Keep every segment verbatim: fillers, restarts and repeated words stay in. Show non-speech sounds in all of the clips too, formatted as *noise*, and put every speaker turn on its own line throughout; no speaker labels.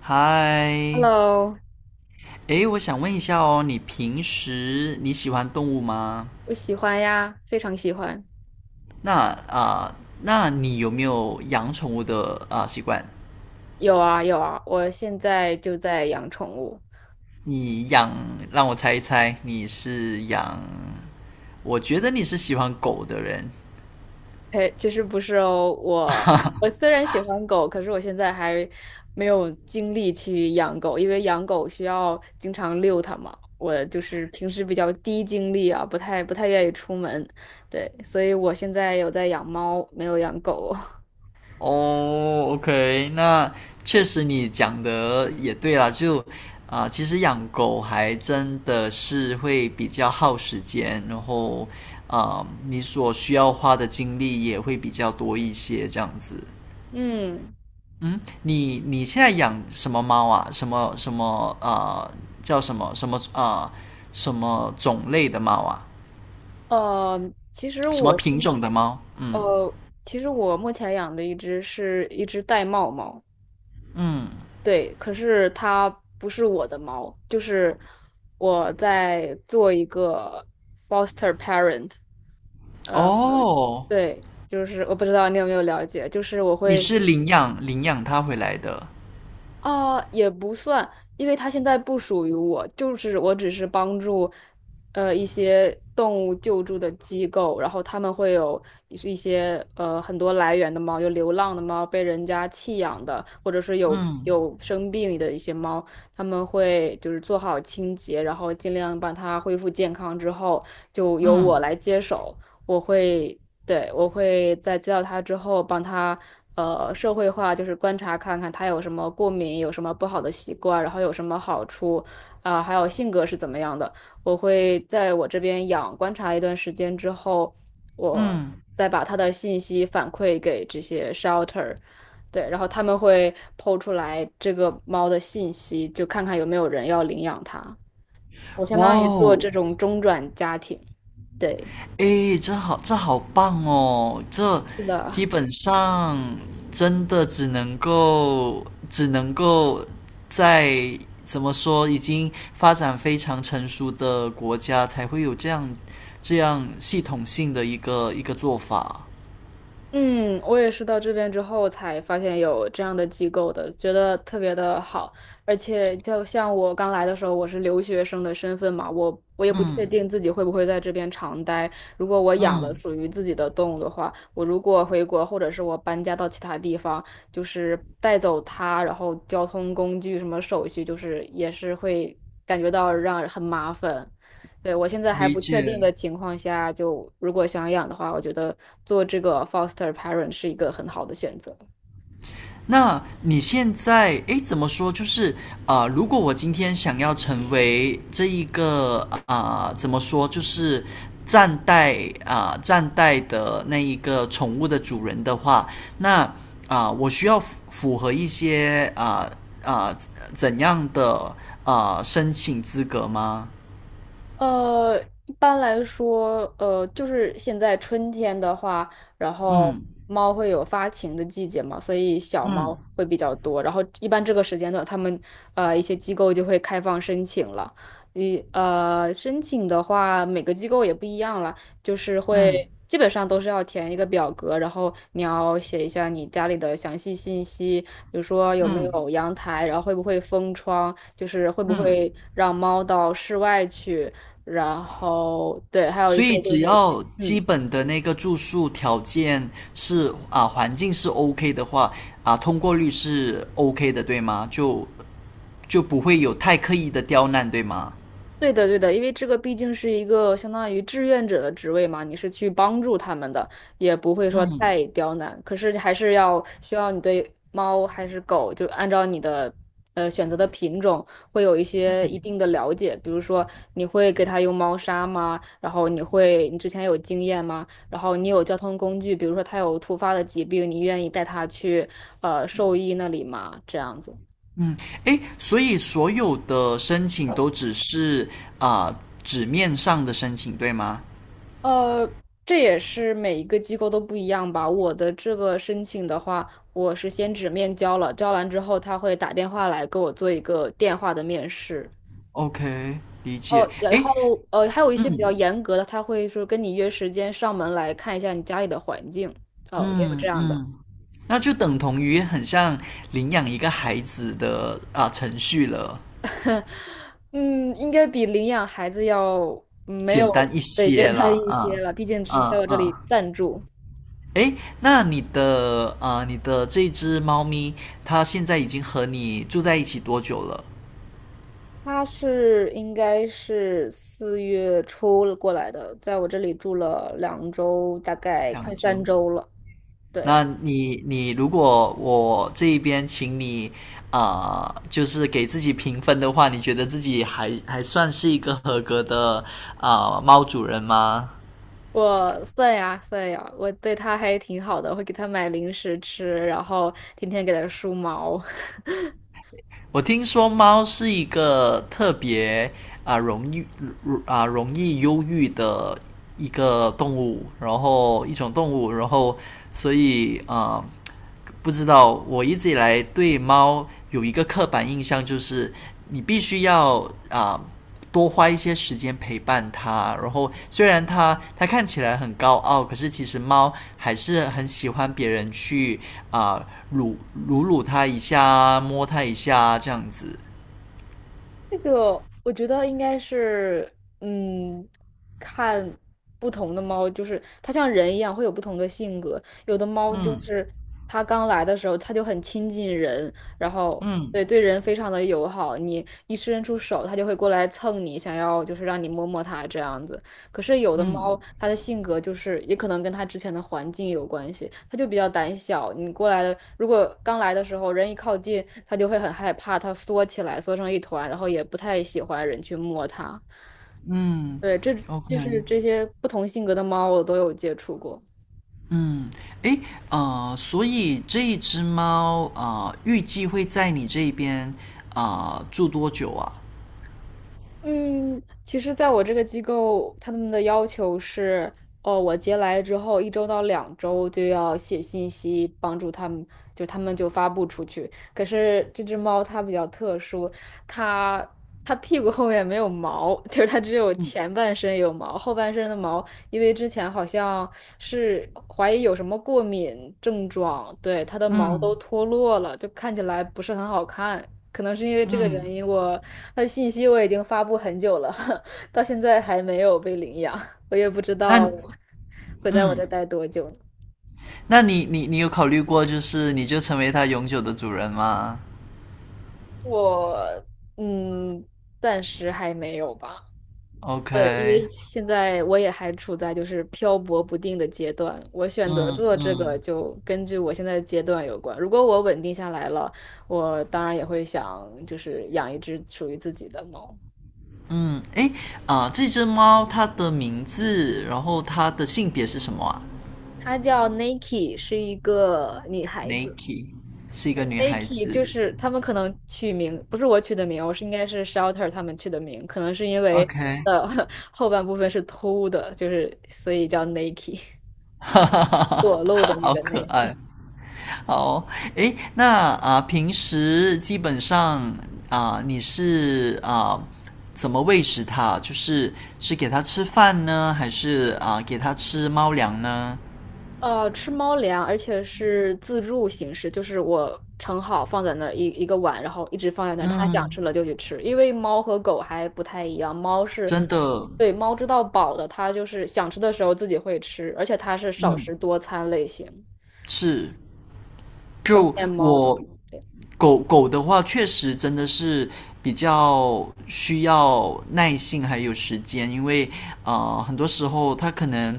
嗨，
Hello，
诶，我想问一下哦，你平时你喜欢动物吗？
我喜欢呀，非常喜欢。
那啊、呃那你有没有养宠物的啊、呃习惯？
有啊有啊，我现在就在养宠物。
你养，让我猜一猜，你是养？我觉得你是喜欢狗的人。
嘿，其实不是哦，我我虽然喜欢狗，可是我现在还没有精力去养狗，因为养狗需要经常遛它嘛。我就是平时比较低精力啊，不太不太愿意出门，对，所以我现在有在养猫，没有养狗。*laughs*
哦，OK，那确实你讲的也对啦，就啊、其实养狗还真的是会比较耗时间，然后啊、你所需要花的精力也会比较多一些，这样子。
嗯，
嗯，你你现在养什么猫啊？什么什么呃，叫什么什么呃，什么种类的猫啊？
呃，其实
什么
我
品
现，
种的猫？嗯
呃，其实我目前养的一只是一只玳瑁猫，
嗯，
对，可是它不是我的猫，就是我在做一个 foster parent。呃，
哦，
对，就是我不知道你有没有了解，就是我
你
会
是领养领养它回来的。
啊，也不算，因为它现在不属于我，就是我只是帮助，呃，一些动物救助的机构，然后他们会有一些呃很多来源的猫，有流浪的猫，被人家弃养的，或者是有
嗯
有生病的一些猫，他们会就是做好清洁，然后尽量把它恢复健康之后，就由我
嗯
来接手，我会对，我会在接到他之后，帮他呃社会化，就是观察看看他有什么过敏，有什么不好的习惯，然后有什么好处，啊、还有性格是怎么样的。我会在我这边养观察一段时间之后，我
嗯，
再把他的信息反馈给这些 shelter，对，然后他们会抛出来这个猫的信息，就看看有没有人要领养它。我相
哇
当于做
哦，
这种中转家庭，对，
诶，这好，这好棒哦！这
是
基
的。
本上真的只能够，只能够在，怎么说，已经发展非常成熟的国家才会有这样这样系统性的一个一个做法。
嗯，我也是到这边之后才发现有这样的机构的，觉得特别的好。而且就像我刚来的时候，我是留学生的身份嘛，我我也不确
嗯
定自己会不会在这边常待。如果我养了
嗯，
属于自己的动物的话，我如果回国或者是我搬家到其他地方，就是带走它，然后交通工具什么手续，就是也是会感觉到让人很麻烦。对，我现在还
理
不确定
解。
的情况下，就如果想养的话，我觉得做这个 foster parent 是一个很好的选择。
那你现在，诶，怎么说？就是啊、呃如果我今天想要成为这一个，啊、呃怎么说？就是站代啊、呃站代的那一个宠物的主人的话，那啊、呃我需要符合一些啊啊、呃呃怎样的啊、呃申请资格吗？
呃，一般来说，呃，就是现在春天的话，然后猫会有发情的季节嘛，所以小
嗯
猫会比较多。然后一般这个时间段，他们呃一些机构就会开放申请了。你呃，申请的话，每个机构也不一样了，就是
嗯
会基本上都是要填一个表格，然后你要写一下你家里的详细信息，比如说有没
嗯
有阳台，然后会不会封窗，就
嗯嗯。嗯
是会不会
嗯，
让猫到室外去，然后对，还有一
所
些
以
就
只
是，
要基
嗯，
本的那个住宿条件是啊环境是 OK 的话，啊，通过率是 OK 的，对吗？就就不会有太刻意的刁难，对吗？
对的，对的，因为这个毕竟是一个相当于志愿者的职位嘛，你是去帮助他们的，也不会说太刁难，可是还是要需要你对猫还是狗，就按照你的呃选择的品种，会有一些一定的了解，比如说你会给它用猫砂吗？然后你会，你之前有经验吗？然后你有交通工具，比如说它有突发的疾病，你愿意带它去呃兽医那里吗？这样子。
嗯，诶，所以所有的申请都只是啊纸面上的申请，对吗
呃，这也是每一个机构都不一样吧。我的这个申请的话，我是先纸面交了，交完之后他会打电话来给我做一个电话的面试。
？OK，理解。
哦，然
诶，
后呃，还有一些比较
嗯
严格的，他会说跟你约时间上门来看一下你家里的环境。哦，也有这
嗯
样的。
嗯，那就等同于很像领养一个孩子的啊程序了。
嗯，应该比领养孩子要嗯没有，
简单一
对，简
些
单
啦，
一些
嗯
了，毕竟只是在
嗯
我这
嗯。
里暂住。
诶，那你的，呃，你的这只猫咪，它现在已经和你住在一起多久了？
他是应该是四月初了过来的，在我这里住了两周，大概快
两
三
周。
周了。对，
那你，你如果我这一边请你，呃，就是给自己评分的话，你觉得自己还还算是一个合格的呃猫主人吗？
我算呀算呀，我对他还挺好的，会给他买零食吃，然后天天给他梳毛。*laughs*
我听说猫是一个特别啊、呃容易啊、呃容易忧郁的一个动物，然后一种动物。然后所以啊、呃不知道，我一直以来对猫有一个刻板印象，就是你必须要啊、呃多花一些时间陪伴它。然后虽然它它看起来很高傲，可是其实猫还是很喜欢别人去啊撸撸撸它一下，摸它一下，这样子。
这个我觉得应该是，嗯，看不同的猫，就是它像人一样会有不同的性格。有的猫就
嗯
是它刚来的时候，它就很亲近人，然后
嗯
对，对人非常的友好，你一伸出手，它就会过来蹭你，想要就是让你摸摸它这样子。可是有的
嗯
猫，它的性格就是也可能跟它之前的环境有关系，它就比较胆小。你过来的，如果刚来的时候人一靠近，它就会很害怕，它缩起来，缩成一团，然后也不太喜欢人去摸它。
嗯
对，这
，OK，
就是这些不同性格的猫，我都有接触过。
嗯，诶，呃，所以这一只猫，啊、呃，预计会在你这边啊、呃住多久啊？
嗯，其实，在我这个机构，他们的要求是，哦，我接来之后一周到两周就要写信息，帮助他们，就他们就发布出去。可是这只猫它比较特殊，它它屁股后面没有毛，*laughs* 就是它只有前半身有毛，后半身的毛因为之前好像是怀疑有什么过敏症状，对，它的毛都
嗯
脱落了，就看起来不是很好看。可能是因为这个原
嗯，
因我，它的信息我已经发布很久了，*laughs* 到现在还没有被领养，我也不知道
那
会在我
嗯
这待多久呢。
那你你你有考虑过，就是你就成为它永久的主人吗
我嗯，暂时还没有吧。对，因
？OK，
为现在我也还处在就是漂泊不定的阶段，我选择
嗯
做这个
嗯
就根据我现在的阶段有关。如果我稳定下来了，我当然也会想就是养一只属于自己的猫，
嗯，诶，啊、这只猫它的名字，然后它的性别是什么啊
它叫 Nike，是一个女孩子。
？Nike 是一个
n
女
i
孩
k e 就
子。
是他们可能取名不是我取的名，我是应该是 Shelter 他们取的名，可能是因为
OK，
呃 *laughs* 后半部分是偷的，就是所以叫 Nike，
*laughs* 哈哈哈哈，
裸露的
*laughs*
那
好
个
可
Nike。
爱。好，诶，那啊、平时基本上啊、你是啊、怎么喂食它？就是是给它吃饭呢，还是啊、给它吃猫粮呢？
呃，吃猫粮，而且是自助形式，就是我盛好放在那儿一一个碗，然后一直放在那儿，它想
嗯，
吃了就去吃。因为猫和狗还不太一样，猫是，
真的，
对，猫知道饱的，它就是想吃的时候自己会吃，而且它是少食
嗯，
多餐类型，
是，
成
就
年猫都
我
是对。
狗狗的话，确实真的是比较需要耐性还有时间，因为呃，很多时候它可能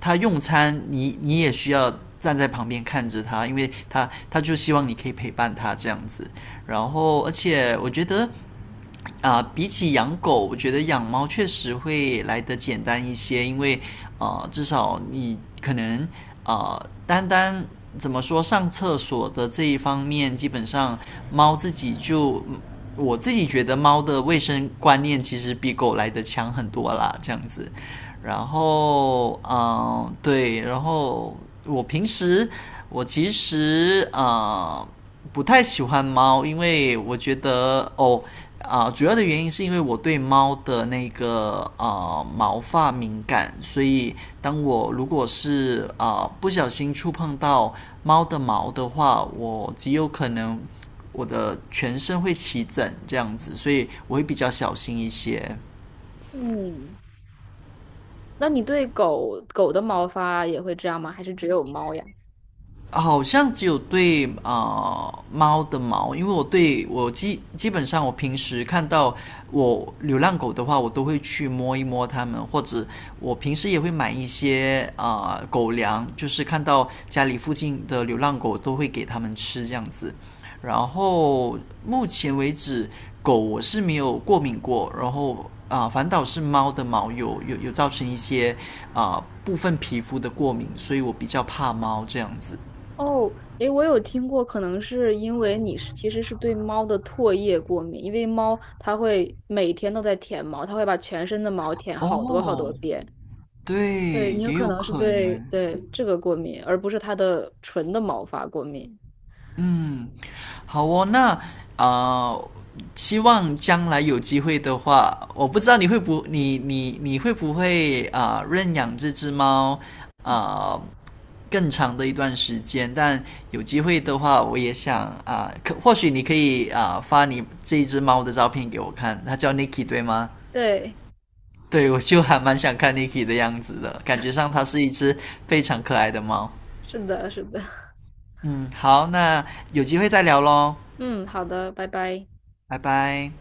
它用餐，你你也需要站在旁边看着它，因为它它就希望你可以陪伴它，这样子。然后，而且我觉得啊，比起养狗，我觉得养猫确实会来得简单一些，因为呃，至少你可能呃，单单怎么说上厕所的这一方面，基本上猫自己就，我自己觉得猫的卫生观念其实比狗来得强很多啦，这样子。然后，嗯、对。然后我平时实我其实啊呃不太喜欢猫，因为我觉得哦啊、呃主要的原因是因为我对猫的那个呃毛发敏感，所以当我如果是啊呃不小心触碰到猫的毛的话，我极有可能我的全身会起疹，这样子，所以我会比较小心一些。
嗯，那你对狗狗的毛发也会这样吗？还是只有猫呀？
好像只有对啊、呃猫的毛，因为我对我基基本上我平时看到我流浪狗的话，我都会去摸一摸它们，或者呃我平时也会买一些啊、呃狗粮，就是看到家里附近的流浪狗都会给它们吃，这样子。然后目前为止，狗我是没有过敏过，然后啊、呃反倒是猫的毛有有有造成一些啊、呃部分皮肤的过敏，所以我比较怕猫，这样子。
哦，诶，我有听过，可能是因为你是其实是对猫的唾液过敏，因为猫它会每天都在舔毛，它会把全身的毛舔好多好
哦，
多遍。对，
对，
你有
也
可
有
能是
可
对
能。
对这个过敏，而不是它的纯的毛发过敏。
嗯，好哦，那啊，希望将来有机会的话，我不知道你会不，你你你会不会啊、呃认养这只猫啊、呃更长的一段时间？但有机会的话，我也想啊、可或许你可以啊、发你这一只猫的照片给我看，它叫 Niki 对吗？
对，
对，我就还蛮想看 Niki 的样子的，感觉上它是一只非常可爱的猫。
是的，是的。*laughs*
嗯，好，那有机会再聊喽，
嗯，好的，拜拜。
拜拜。